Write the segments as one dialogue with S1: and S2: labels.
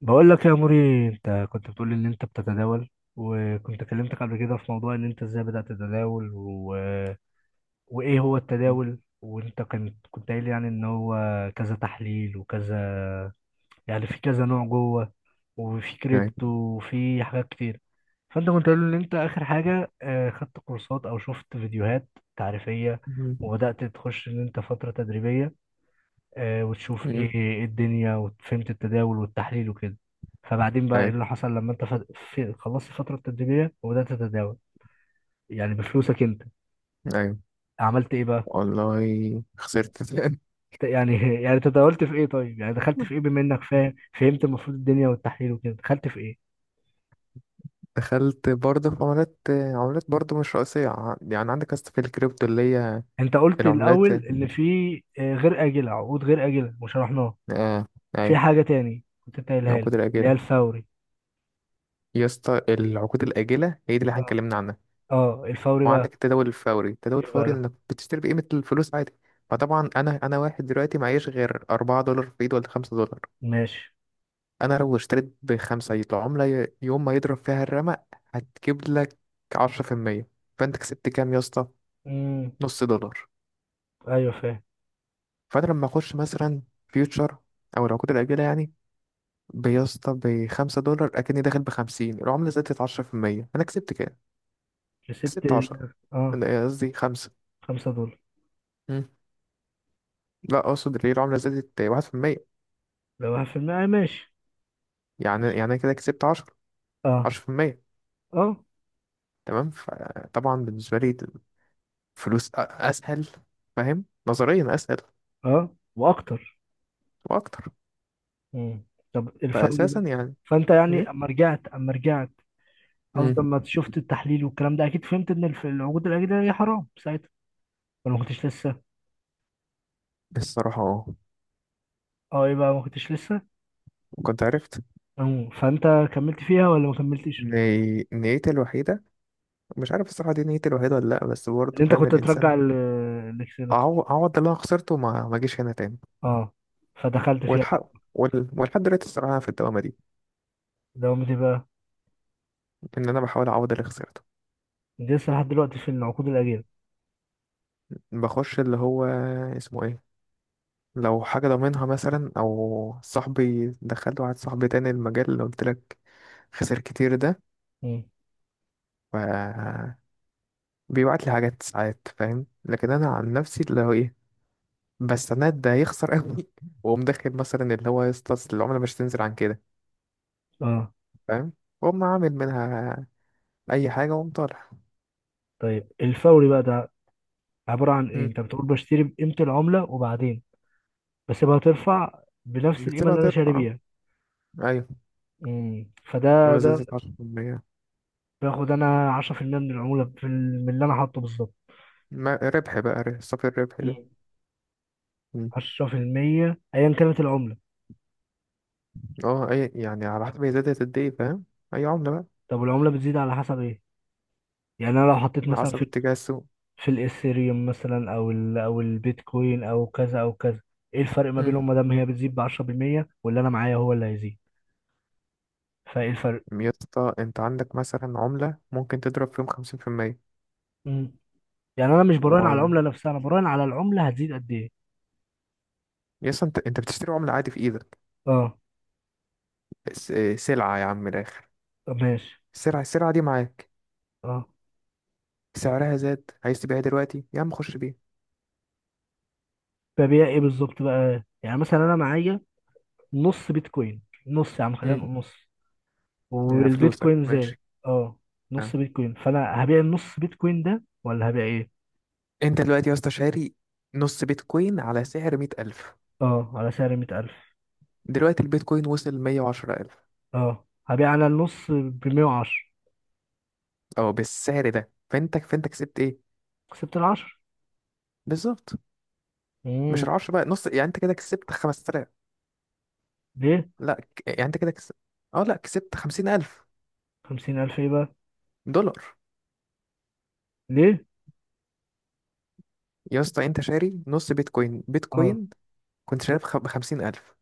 S1: بقول لك يا موري، انت كنت بتقول لي ان انت بتتداول، وكنت كلمتك قبل كده في موضوع ان انت ازاي بدأت تتداول وايه هو التداول. وانت كنت قايل يعني ان هو كذا تحليل وكذا، يعني في كذا نوع جوه، وفي
S2: أيوة.
S1: كريبتو وفي حاجات كتير. فانت كنت قايل ان انت اخر حاجة خدت كورسات او شفت فيديوهات تعريفية،
S2: أمم.
S1: وبدأت تخش ان انت فترة تدريبية، وتشوف إيه الدنيا، وفهمت التداول والتحليل وكده. فبعدين بقى ايه
S2: أيوة،
S1: اللي حصل لما خلصت الفترة التدريبية وبدأت تتداول يعني بفلوسك انت؟
S2: أيوة.
S1: عملت ايه بقى؟
S2: والله خسرت تاني.
S1: ت- يعني يعني تداولت في ايه؟ طيب يعني دخلت في ايه، بما انك فهمت المفروض الدنيا والتحليل وكده؟ دخلت في ايه؟
S2: دخلت برضه في عملات، عملات برضه مش رئيسية. يعني عندك يا اسطى في الكريبتو اللي هي
S1: انت قلت
S2: العملات،
S1: الاول ان في غير آجلة، عقود غير آجلة وشرحناها.
S2: آه.
S1: في
S2: أيوة.
S1: حاجة تاني كنت انت قايلها لي
S2: العقود
S1: اللي هي
S2: الآجلة،
S1: الفوري.
S2: يا اسطى العقود الآجلة هي دي اللي احنا
S1: اه،
S2: اتكلمنا عنها.
S1: آه، الفوري بقى
S2: وعندك التداول الفوري، التداول
S1: ايه
S2: الفوري
S1: بقى؟
S2: إنك بتشتري بقيمة الفلوس عادي. فطبعا أنا واحد دلوقتي معيش غير $4 في إيد ولا $5.
S1: ماشي.
S2: انا لو اشتريت ب$5 العملة يوم ما يضرب فيها الرمق هتجيب لك 10%. فانت كسبت كام يا اسطى؟
S1: امم.
S2: نص دولار.
S1: ايوه، فاهم.
S2: فانا لما اخش مثلا فيوتشر او العقود الاجلة يعني، بيسطى ب$5 اكني داخل ب50، العملة زادت 10%، انا كسبت كام؟
S1: كسبت
S2: كسبت 10.
S1: ال- اه
S2: لا، قصدي خمسة.
S1: خمسة دولار.
S2: مم. لا اقصد، ليه العملة زادت 1%،
S1: لو واحد في المية، آه، ماشي.
S2: يعني أنا كده كسبت 10،
S1: اه.
S2: 10%.
S1: اه.
S2: تمام. فطبعا بالنسبة لي فلوس اسهل، فاهم؟ نظريا اسهل.
S1: اه واكتر.
S2: واكتر.
S1: مم. طب الفوري
S2: فأساسا
S1: ده،
S2: يعني.
S1: فانت يعني
S2: إيه؟
S1: اما رجعت، قصدي
S2: مم.
S1: اما شفت التحليل والكلام ده، اكيد فهمت ان العقود الاجنبيه حرام ساعتها، ولا ما كنتش لسه؟
S2: الصراحة اه،
S1: اه، ايه بقى، ما كنتش لسه؟
S2: كنت عرفت.
S1: أمم، فانت كملت فيها ولا ما كملتش؟
S2: إن نيتي الوحيدة، مش عارف الصراحة دي نيتي الوحيدة ولا لأ، بس برضه
S1: اللي انت
S2: فاهم
S1: كنت
S2: الإنسان.
S1: ترجع الاكس، الاكس.
S2: أعو- أعوض اللي أنا خسرته، ما أجيش هنا تاني.
S1: اه، فدخلت فيها بعد.
S2: والحق ولحد دلوقتي الصراحة أنا في الدوامة دي،
S1: دوامتي بقى؟
S2: إن أنا بحاول أعوض اللي خسرته.
S1: دي لسه لحد دلوقتي في العقود الاجنبيه.
S2: بخش اللي هو اسمه إيه، لو حاجة ضامنها مثلا، أو صاحبي. دخلت واحد صاحبي تاني، المجال اللي قلت لك خسر كتير ده.
S1: مم.
S2: ف بيبعت لي حاجات ساعات، فاهم؟ لكن أنا عن نفسي اللي هو إيه، بس سند ده هيخسر قوي وقوم داخل مثلا اللي هو، يسطس العملة مش تنزل عن كده،
S1: اه.
S2: فاهم؟ وقوم عامل منها أي حاجة، وقوم طالع.
S1: طيب الفوري بقى ده عبارة عن ايه؟
S2: مم.
S1: انت بتقول بشتري بقيمة العملة، وبعدين بسيبها ترفع بنفس القيمة
S2: بتسيبها
S1: اللي انا شاري
S2: ترفع،
S1: بيها.
S2: أيوة.
S1: امم،
S2: عملة
S1: ده
S2: زادت عشرة في المية،
S1: باخد انا 10% من العمولة في من اللي انا حاطه بالظبط؟
S2: ما ربح بقى، صافي الربح ده.
S1: مم.
S2: مم.
S1: 10% ايا كانت العملة.
S2: اه، أي يعني على حسب هي زادت قد إيه، فاهم؟ أي عملة بقى.
S1: طب والعملة بتزيد على حسب ايه؟ يعني انا لو حطيت
S2: على
S1: مثلا
S2: حسب
S1: في
S2: اتجاه السوق.
S1: في الاثيريوم مثلا، او ال، او البيتكوين، او كذا او كذا، ايه الفرق ما
S2: مم.
S1: بينهم ما دام هي بتزيد ب 10%، واللي انا معايا هو اللي هيزيد؟ فايه الفرق؟
S2: يا اسطى أنت عندك مثلا عملة ممكن تضرب فيهم 50%.
S1: مم. يعني انا مش براهن على
S2: و
S1: العملة نفسها، انا براهن على العملة هتزيد قد ايه.
S2: يا اسطى أنت بتشتري عملة عادي في إيدك،
S1: اه.
S2: سلعة يا عم من الآخر.
S1: طب ماشي.
S2: السلعة، السلعة دي معاك،
S1: اه.
S2: سعرها زاد، عايز تبيعها دلوقتي يا عم خش بيها.
S1: ببيع ايه بالظبط بقى؟ يعني مثلا انا معايا نص بيتكوين، نص، يا عم خلينا
S2: مم.
S1: نقول نص،
S2: يا فلوسك
S1: والبيتكوين زاد.
S2: ماشي.
S1: اه. نص
S2: آه.
S1: بيتكوين، فانا هبيع النص بيتكوين ده ولا هبيع ايه؟
S2: انت دلوقتي يا اسطى شاري نص بيتكوين على سعر 100,000.
S1: اه، على سعر 100000.
S2: دلوقتي البيتكوين وصل 110,000،
S1: اه، هبيع انا النص ب 110.
S2: أو بالسعر ده، فأنت كسبت إيه؟
S1: كسبت ال 10.
S2: بالظبط. مش
S1: امم.
S2: العشرة بقى نص، يعني أنت كده كسبت 5,000.
S1: ليه؟
S2: لا، يعني أنت كده كسبت، أه لا، كسبت خمسين ألف
S1: 50000 ايه بقى؟
S2: دولار
S1: ليه؟
S2: يا اسطى أنت شاري نص بيتكوين
S1: اه.
S2: بيتكوين كنت شاريه ب50,000،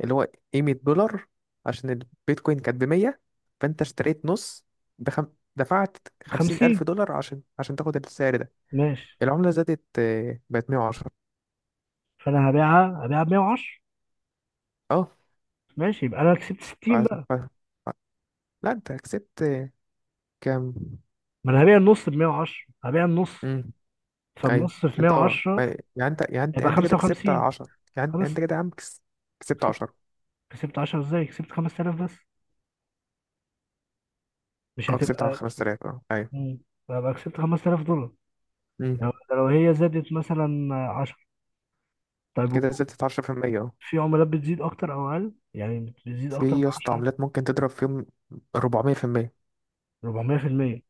S2: اللي هو ايه، $100، عشان البيتكوين كانت ب 100. فانت اشتريت نص بخم... دفعت 50
S1: 50،
S2: الف دولار عشان تاخد السعر ده.
S1: ماشي.
S2: العملة زادت آه، بقت 110.
S1: فانا هبيعها هبيعها ب 110،
S2: اه.
S1: ماشي، يبقى انا كسبت 60
S2: عز-
S1: بقى.
S2: ف... لا انت كسبت آه، كام.
S1: ما انا هبيع النص ب 110. هبيع النص،
S2: امم. ايوه.
S1: فالنص في
S2: انت اه،
S1: 110
S2: يعني انت يعني انت يعني
S1: يبقى
S2: انت كده كسبت
S1: 55.
S2: 10. يعني
S1: خلاص.
S2: انت كده يا عم كسبت
S1: كسبت.
S2: 10.
S1: كسبت 10 ازاي؟ كسبت 5000 بس؟ مش
S2: اه، كسبت على
S1: هتبقى؟
S2: 5000، اه ايوه.
S1: مم. يبقى كسبت 5000 دولار
S2: امم.
S1: لو لو هي زادت مثلا 10. طيب
S2: كده زادت 10%، اه.
S1: في عملات بتزيد اكتر او اقل يعني؟ بتزيد اكتر
S2: في
S1: من
S2: يا اسطى
S1: 10؟
S2: عملات ممكن تضرب فيهم 400%،
S1: 400%؟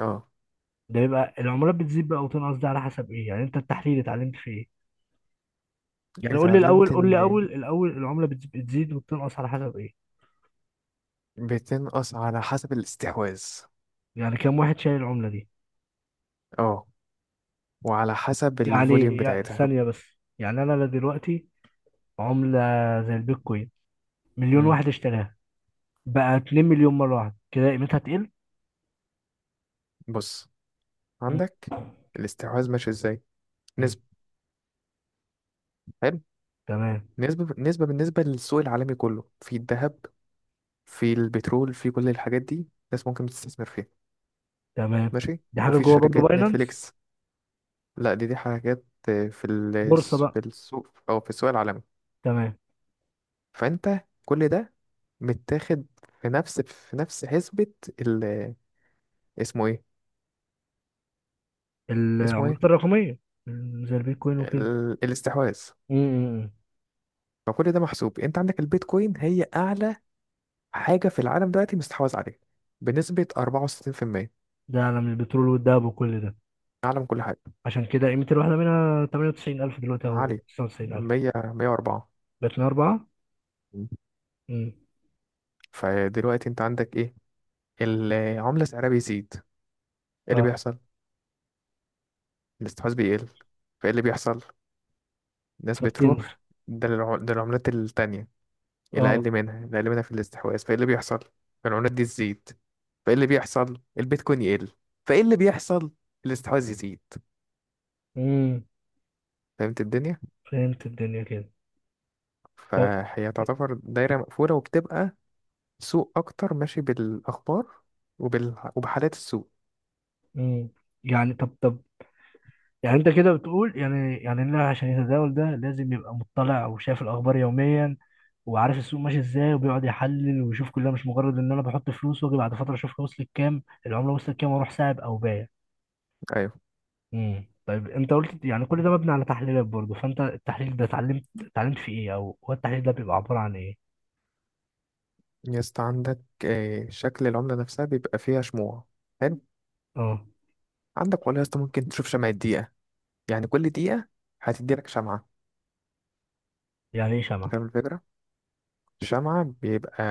S2: اه.
S1: ده يبقى العملات بتزيد بقى وتنقص ده على حسب ايه؟ يعني انت التحليل اتعلمت في ايه؟ يعني قول لي
S2: اتعلمت
S1: الاول،
S2: ان
S1: قول لي اول الاول العملة بتزيد وبتنقص على حسب ايه؟
S2: بتنقص على حسب الاستحواذ.
S1: يعني كام واحد شايل العملة دي؟
S2: اه. وعلى حسب الفوليوم
S1: يعني يعني
S2: بتاعتها.
S1: ثانية بس. يعني انا لا دلوقتي، عملة زي البيتكوين، مليون
S2: مم.
S1: واحد اشتراها، بقى 2 مليون مره واحده كده، قيمتها تقل؟
S2: بص،
S1: مم.
S2: عندك، الاستحواذ ماشي ازاي؟
S1: مم.
S2: نسبة، حلو.
S1: تمام.
S2: نسبة بالنسبة للسوق العالمي كله، في الذهب، في البترول، في كل الحاجات دي الناس ممكن تستثمر فيها.
S1: تمام.
S2: ماشي.
S1: دي حاجه
S2: وفي
S1: جوه برضو
S2: شركات
S1: باينانس؟
S2: نتفليكس. لا دي، دي حاجات آه،
S1: بورصه
S2: في
S1: بقى؟
S2: السوق، او في السوق العالمي.
S1: تمام.
S2: فانت كل ده متاخد في نفس حسبة ال، اسمه ايه، اسمه ايه،
S1: العملات الرقميه زي البيتكوين وكده.
S2: الاستحواذ.
S1: مم.
S2: فكل ده محسوب، انت عندك البيتكوين هي اعلى حاجه في العالم دلوقتي، مستحوذ عليها بنسبه 64%،
S1: ده عالم البترول والذهب وكل ده.
S2: اعلى من كل حاجه.
S1: عشان كده قيمه الواحده منها 98000 دلوقتي او
S2: عالي،
S1: 99000.
S2: 100، 104.
S1: بقت من اربعه. امم.
S2: فدلوقتي انت عندك ايه؟ العمله سعرها بيزيد، ايه اللي
S1: اه.
S2: بيحصل؟ الاستحواذ بيقل. فايه اللي بيحصل؟ الناس
S1: فبتنزل.
S2: بتروح، ده للعملات التانية، اللي
S1: اه.
S2: اقل منها اللي اقل منها في الاستحواذ. فايه اللي بيحصل؟ العملات دي تزيد. فايه اللي بيحصل؟ البيتكوين يقل. فايه اللي بيحصل؟ الاستحواذ يزيد.
S1: مم.
S2: فهمت الدنيا.
S1: فهمت الدنيا كده. طب.
S2: فهي تعتبر دايرة مقفولة، وبتبقى سوق أكتر، ماشي بالأخبار وبحالات السوق.
S1: مم. يعني طب طب، يعني انت كده بتقول يعني يعني اللاعب عشان يتداول ده، لازم يبقى مطلع وشايف الاخبار يوميا، وعارف السوق ماشي ازاي وبيقعد يحلل ويشوف، كلها مش مجرد ان انا بحط فلوس واجي بعد فتره اشوفها وصلت كام، العمله وصلت كام واروح ساعب او بايع.
S2: أيوة.
S1: امم. طيب انت قلت يعني كل ده مبني على تحليلات برضه، فانت التحليل ده اتعلمت في ايه، او هو التحليل ده بيبقى عباره عن ايه؟
S2: يا اسطى عندك آه، شكل العملة نفسها بيبقى فيها شموع. حلو.
S1: اه.
S2: عندك والله يا اسطى ممكن تشوف شمعة دقيقة، يعني كل دقيقة هتديلك شمعة.
S1: يعني ايه شمعة؟
S2: فاهم الفكرة؟ شمعة بيبقى،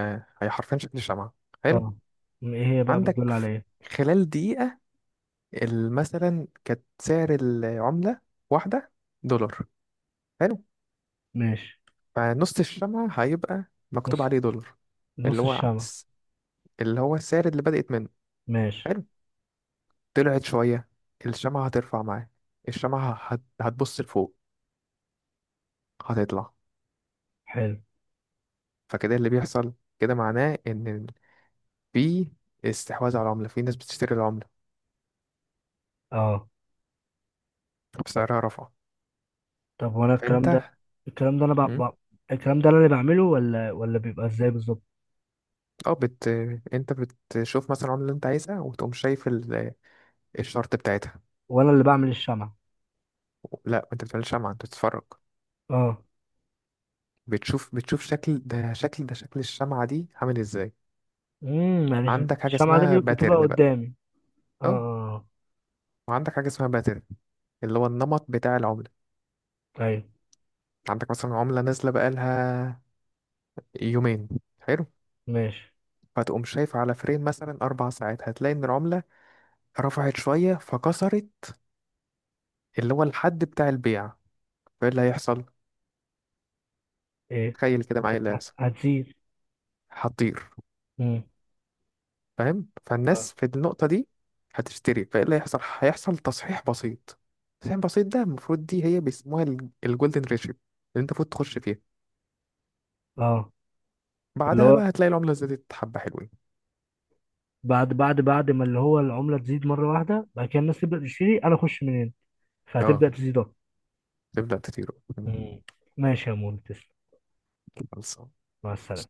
S2: هي حرفيا شكل شمعة، حلو.
S1: اه. ايه هي بقى
S2: عندك
S1: بتدل على ايه؟
S2: خلال دقيقة مثلا كانت سعر العملة واحدة دولار، حلو.
S1: ماشي.
S2: فنص الشمعة هيبقى
S1: نص،
S2: مكتوب عليه دولار، اللي
S1: نص
S2: هو
S1: الشمعة.
S2: اللي هو السعر اللي بدأت منه،
S1: ماشي.
S2: حلو. طلعت شوية، الشمعة هترفع معاه، الشمعة هتبص لفوق، هتطلع.
S1: حلو.
S2: فكده اللي بيحصل، كده معناه إن في استحواذ على العملة، في ناس بتشتري العملة
S1: اه.
S2: بسعرها رفع.
S1: طب وانا
S2: فأنت
S1: الكلام ده، الكلام ده انا بع...
S2: مم،
S1: بع... الكلام ده انا اللي بعمله ولا ولا بيبقى ازاي بالظبط؟
S2: اه بت انت بتشوف مثلا العملة اللي انت عايزها، وتقوم شايف الشرط بتاعتها.
S1: وانا اللي بعمل الشمعة؟
S2: لا انت بتعمل شمعة، انت بتتفرج،
S1: اه.
S2: بتشوف شكل شكل الشمعة دي عامل ازاي.
S1: امم، يعني
S2: عندك حاجة
S1: الشمعة دي
S2: اسمها
S1: بتبقى
S2: باترن بقى،
S1: قدامي؟ اه.
S2: اه.
S1: اه.
S2: وعندك حاجة اسمها باترن، اللي هو النمط بتاع العملة.
S1: آه، ايوه.
S2: عندك مثلا عملة نازلة بقالها يومين، حلو.
S1: ماشي.
S2: فتقوم شايف على فريم مثلا 4 ساعات، هتلاقي إن العملة رفعت شوية، فكسرت اللي هو الحد بتاع البيع. فإيه اللي هيحصل؟
S1: ايه؟
S2: تخيل كده معايا، إيه اللي هيحصل؟
S1: هتزيد.
S2: هتطير.
S1: امم.
S2: فاهم؟
S1: اه.
S2: فالناس في النقطة دي هتشتري. فإيه اللي هيحصل؟ هيحصل تصحيح بسيط، تصحيح بسيط ده المفروض، دي هي بيسموها الجولدن ريشيو، اللي أنت المفروض تخش فيها.
S1: آه. اللي
S2: بعدها
S1: هو،
S2: بقى هتلاقي العملة زادت حبة حلوين،
S1: بعد بعد ما اللي هو العملة تزيد مرة واحدة، بعد كده الناس تبدأ تشتري، انا اخش منين؟
S2: اه.
S1: فهتبدأ تزيد اكتر.
S2: تبدأ تطير.
S1: مم. ماشي يا مول، تسلم.
S2: خلاص.
S1: مع السلامة.